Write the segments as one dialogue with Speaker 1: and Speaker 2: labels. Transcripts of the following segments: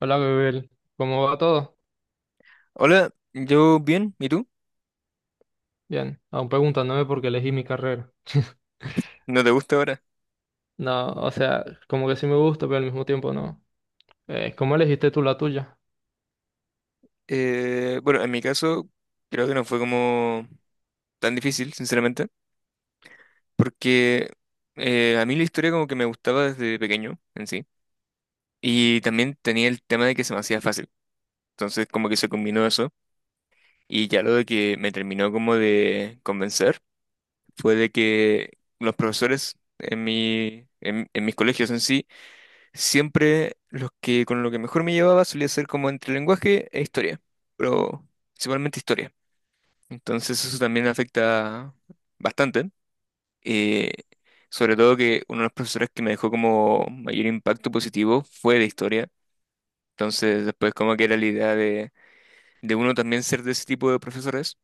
Speaker 1: Hola, Gabriel. ¿Cómo va todo?
Speaker 2: Hola, yo bien, ¿y tú?
Speaker 1: Bien. Aún preguntándome por qué elegí mi carrera.
Speaker 2: ¿No te gusta ahora?
Speaker 1: No, o sea, como que sí me gusta, pero al mismo tiempo no. ¿Cómo elegiste tú la tuya?
Speaker 2: Bueno, en mi caso creo que no fue como tan difícil, sinceramente, porque a mí la historia como que me gustaba desde pequeño en sí, y también tenía el tema de que se me hacía fácil, entonces como que se combinó eso, y ya lo de que me terminó como de convencer fue de que los profesores en mi, en mis colegios en sí. Siempre los que con lo que mejor me llevaba solía ser como entre lenguaje e historia, pero principalmente historia. Entonces eso también afecta bastante. eh, sobre todo que uno de los profesores que me dejó como mayor impacto positivo fue de historia. Entonces después como que era la idea de uno también ser de ese tipo de profesores.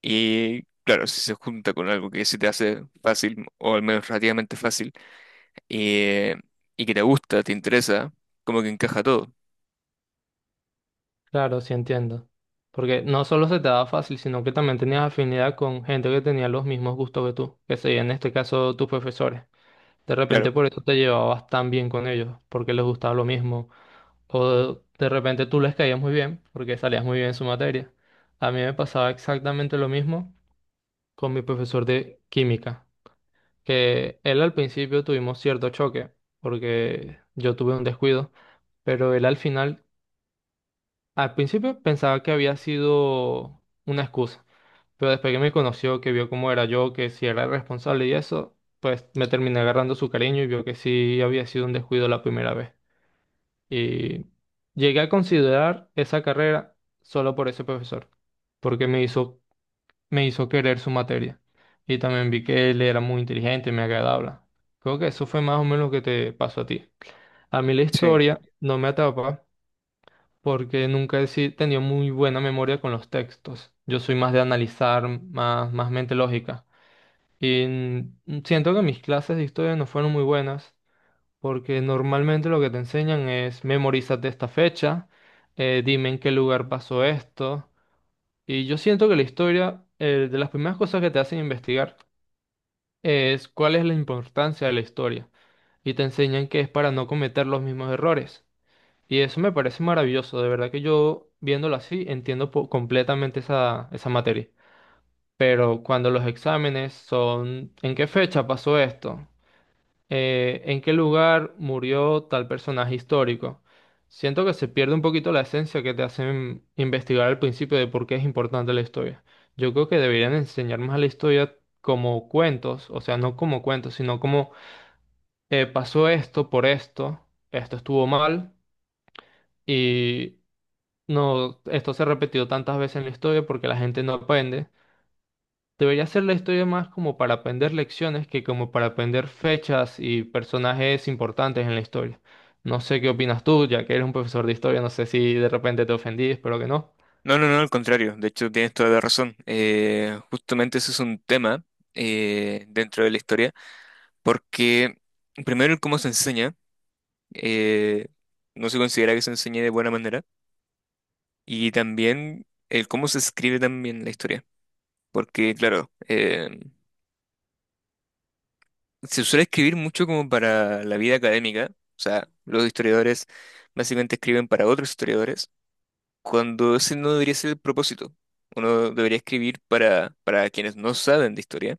Speaker 2: Y claro, si se junta con algo que se te hace fácil, o al menos relativamente fácil, eh, y que te gusta, te interesa, como que encaja todo.
Speaker 1: Claro, sí entiendo. Porque no solo se te daba fácil, sino que también tenías afinidad con gente que tenía los mismos gustos que tú, que serían en este caso tus profesores. De
Speaker 2: Claro.
Speaker 1: repente por eso te llevabas tan bien con ellos, porque les gustaba lo mismo. O de repente tú les caías muy bien, porque salías muy bien en su materia. A mí me pasaba exactamente lo mismo con mi profesor de química. Que él al principio tuvimos cierto choque, porque yo tuve un descuido, pero él al final, al principio pensaba que había sido una excusa, pero después que me conoció, que vio cómo era yo, que si era el responsable y eso, pues me terminé agarrando su cariño y vio que sí había sido un descuido la primera vez. Y llegué a considerar esa carrera solo por ese profesor, porque me hizo querer su materia. Y también vi que él era muy inteligente, me agradable. Creo que eso fue más o menos lo que te pasó a ti. A mí la
Speaker 2: Sí.
Speaker 1: historia no me atrapa porque nunca he si- tenido muy buena memoria con los textos. Yo soy más de analizar, más mente lógica. Y siento que mis clases de historia no fueron muy buenas porque normalmente lo que te enseñan es memorízate esta fecha, dime en qué lugar pasó esto. Y yo siento que la historia, de las primeras cosas que te hacen investigar, es cuál es la importancia de la historia y te enseñan que es para no cometer los mismos errores. Y eso me parece maravilloso, de verdad que yo viéndolo así entiendo po- completamente esa materia. Pero cuando los exámenes son ¿en qué fecha pasó esto? ¿En qué lugar murió tal personaje histórico? Siento que se pierde un poquito la esencia que te hacen investigar al principio de por qué es importante la historia. Yo creo que deberían enseñar más a la historia como cuentos, o sea, no como cuentos, sino como pasó esto por esto, esto estuvo mal y no, esto se repetió tantas veces en la historia porque la gente no aprende. Debería ser la historia más como para aprender lecciones que como para aprender fechas y personajes importantes en la historia. No sé qué opinas tú, ya que eres un profesor de historia, no sé si de repente te ofendí, espero que no.
Speaker 2: No, no, no, al contrario. De hecho, tienes toda la razón. Justamente eso es un tema dentro de la historia, porque primero el cómo se enseña, eh, no se considera que se enseñe de buena manera, y también el cómo se escribe también la historia, porque claro, se suele escribir mucho como para la vida académica, o sea, los historiadores básicamente escriben para otros historiadores, cuando ese no debería ser el propósito. Uno debería escribir para quienes no saben de historia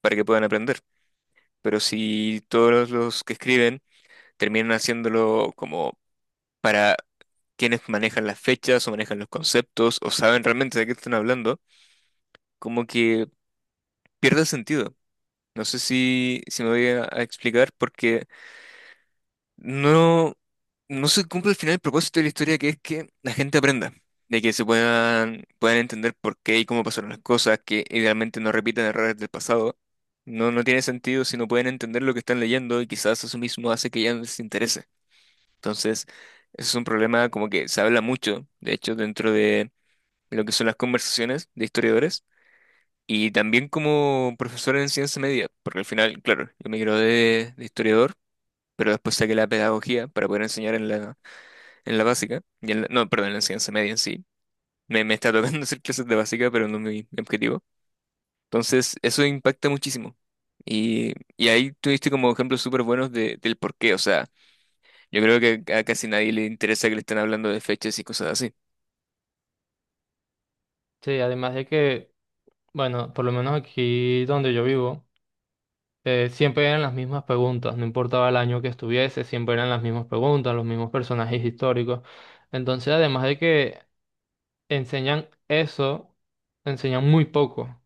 Speaker 2: para que puedan aprender. Pero si todos los que escriben terminan haciéndolo como para quienes manejan las fechas o manejan los conceptos o saben realmente de qué están hablando, como que pierde el sentido. No sé si me voy a explicar porque. No, no se cumple al final el propósito de la historia, que es que la gente aprenda, de que se puedan entender por qué y cómo pasaron las cosas, que idealmente no repitan errores del pasado. No, no tiene sentido si no pueden entender lo que están leyendo y quizás eso mismo hace que ya no les interese. Entonces, ese es un problema como que se habla mucho, de hecho, dentro de lo que son las conversaciones de historiadores y también como profesor en ciencia media, porque al final, claro, yo me gradué de historiador, pero después saqué la pedagogía para poder enseñar en la básica, y no, perdón, en la enseñanza media en sí. Me está tocando hacer clases de básica, pero no es mi objetivo. Entonces, eso impacta muchísimo. Y ahí tuviste como ejemplos súper buenos del por qué. O sea, yo creo que a casi nadie le interesa que le estén hablando de fechas y cosas así.
Speaker 1: Sí, además de que, bueno, por lo menos aquí donde yo vivo. Siempre eran las mismas preguntas, no importaba el año que estuviese, siempre eran las mismas preguntas, los mismos personajes históricos. Entonces, además de que enseñan eso, enseñan muy poco.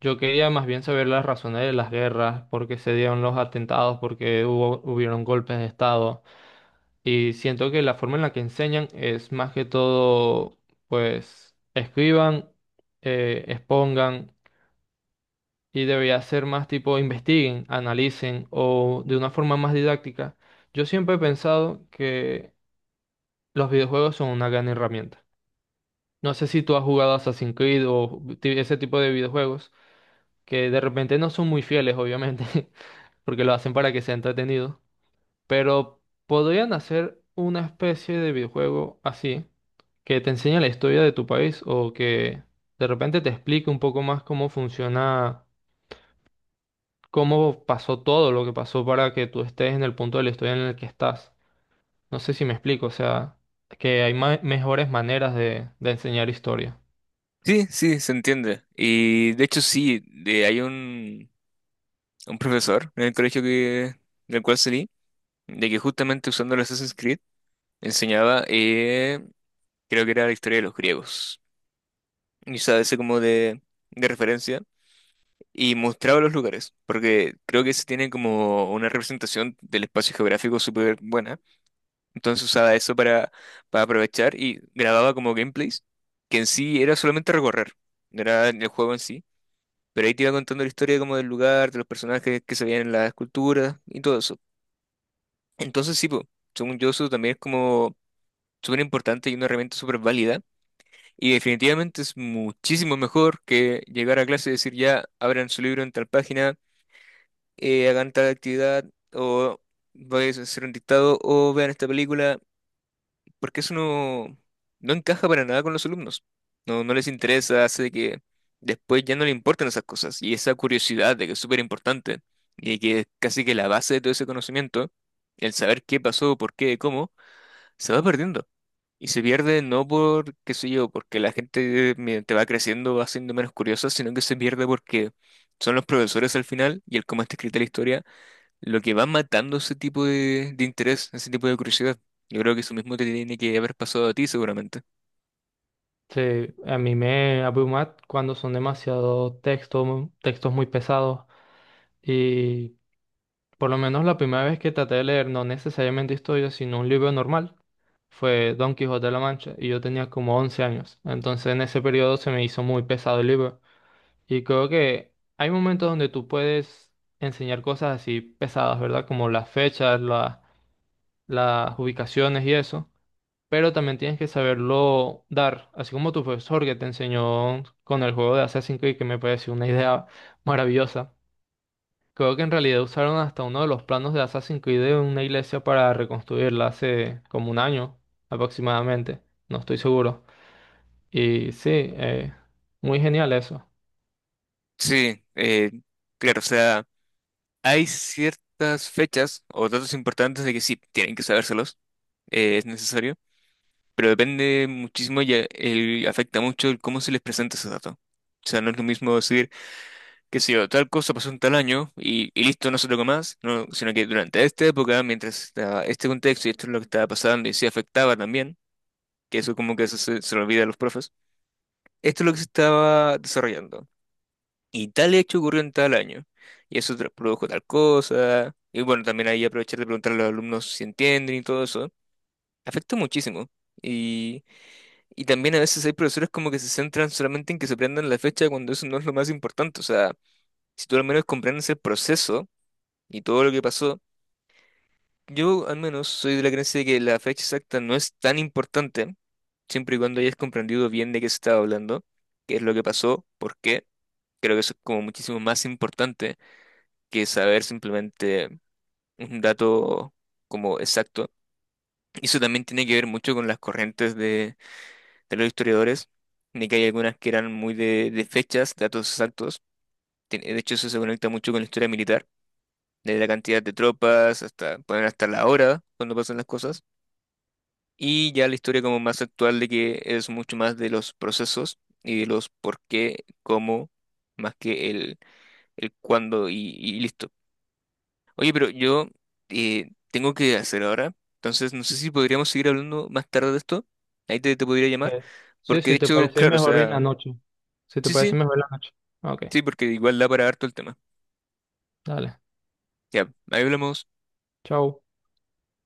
Speaker 1: Yo quería más bien saber las razones de las guerras, por qué se dieron los atentados, por qué hubieron golpes de estado. Y siento que la forma en la que enseñan es más que todo, pues, escriban, expongan. Y debería ser más tipo investiguen, analicen o de una forma más didáctica. Yo siempre he pensado que los videojuegos son una gran herramienta. No sé si tú has jugado Assassin's Creed o ti- ese tipo de videojuegos que de repente no son muy fieles, obviamente, porque lo hacen para que sea entretenido, pero podrían hacer una especie de videojuego así, que te enseñe la historia de tu país o que de repente te explique un poco más cómo funciona cómo pasó todo lo que pasó para que tú estés en el punto de la historia en el que estás. No sé si me explico, o sea, que hay ma- mejores maneras de enseñar historia.
Speaker 2: Sí, sí, se entiende. Y de hecho sí, hay un profesor en el colegio que, del cual salí, de que justamente usando el Assassin's Creed enseñaba, creo que era la historia de los griegos. Y usaba ese como de referencia y mostraba los lugares, porque creo que se tiene como una representación del espacio geográfico súper buena. Entonces usaba eso para aprovechar y grababa como gameplays, que en sí era solamente recorrer, no era el juego en sí, pero ahí te iba contando la historia como del lugar, de los personajes que se veían en las esculturas y todo eso. Entonces sí, po, según yo eso también es como súper importante y una herramienta súper válida. Y definitivamente es muchísimo mejor que llegar a clase y decir ya, abran su libro en tal página, hagan tal actividad, o vayan a hacer un dictado, o vean esta película, porque eso no, no encaja para nada con los alumnos. No, no les interesa, hace que después ya no le importan esas cosas. Y esa curiosidad de que es súper importante, y que es casi que la base de todo ese conocimiento, el saber qué pasó, por qué, cómo, se va perdiendo. Y se pierde no por, qué sé yo, porque la gente mediante va creciendo va siendo menos curiosa, sino que se pierde porque son los profesores al final y el cómo está escrita la historia lo que va matando ese tipo de interés, ese tipo de curiosidad. Yo creo que eso mismo te tiene que haber pasado a ti seguramente.
Speaker 1: Sí, a mí me abruma cuando son demasiado textos, textos muy pesados y por lo menos la primera vez que traté de leer no necesariamente historia, sino un libro normal, fue Don Quijote de la Mancha y yo tenía como 11 años. Entonces en ese periodo se me hizo muy pesado el libro. Y creo que hay momentos donde tú puedes enseñar cosas así pesadas, ¿verdad? Como las fechas, la- las ubicaciones y eso. Pero también tienes que saberlo dar, así como tu profesor que te enseñó con el juego de Assassin's Creed, que me pareció una idea maravillosa. Creo que en realidad usaron hasta uno de los planos de Assassin's Creed de una iglesia para reconstruirla hace como un año aproximadamente. No estoy seguro. Y sí, muy genial eso.
Speaker 2: Sí, claro, o sea, hay ciertas fechas o datos importantes de que sí, tienen que sabérselos, es necesario, pero depende muchísimo y afecta mucho el cómo se les presenta ese dato. O sea, no es lo mismo decir qué sé yo, tal cosa pasó en tal año y listo, no se toca más, no, sino que durante esta época, mientras estaba este contexto y esto es lo que estaba pasando y se afectaba también, que eso como que se lo olvida a los profes, esto es lo que se estaba desarrollando. Y tal hecho ocurrió en tal año, y eso produjo tal cosa, y bueno, también ahí aprovechar de preguntar a los alumnos si entienden y todo eso, afecta muchísimo. Y, y también a veces hay profesores como que se centran solamente en que se aprendan la fecha cuando eso no es lo más importante, o sea, si tú al menos comprendes el proceso, y todo lo que pasó, yo al menos soy de la creencia de que la fecha exacta no es tan importante, siempre y cuando hayas comprendido bien de qué se estaba hablando, qué es lo que pasó, por qué. Creo que eso es como muchísimo más importante que saber simplemente un dato como exacto. Y eso también tiene que ver mucho con las corrientes de los historiadores, de que hay algunas que eran muy de fechas, datos exactos. De hecho, eso se conecta mucho con la historia militar, desde la cantidad de tropas hasta, pueden hasta la hora cuando pasan las cosas. Y ya la historia como más actual de que es mucho más de los procesos y de los por qué, cómo, más que el cuándo y listo. Oye, pero yo tengo que hacer ahora, entonces no sé si podríamos seguir hablando más tarde de esto. Ahí te podría llamar,
Speaker 1: Eh, sí,
Speaker 2: porque de
Speaker 1: si te
Speaker 2: hecho,
Speaker 1: parece
Speaker 2: claro, o
Speaker 1: mejor en la
Speaker 2: sea,
Speaker 1: noche. Si te
Speaker 2: sí,
Speaker 1: parece
Speaker 2: sí,
Speaker 1: mejor en la noche. Ok,
Speaker 2: sí, porque igual da para harto el tema.
Speaker 1: dale.
Speaker 2: Ya, ahí hablamos.
Speaker 1: Chao.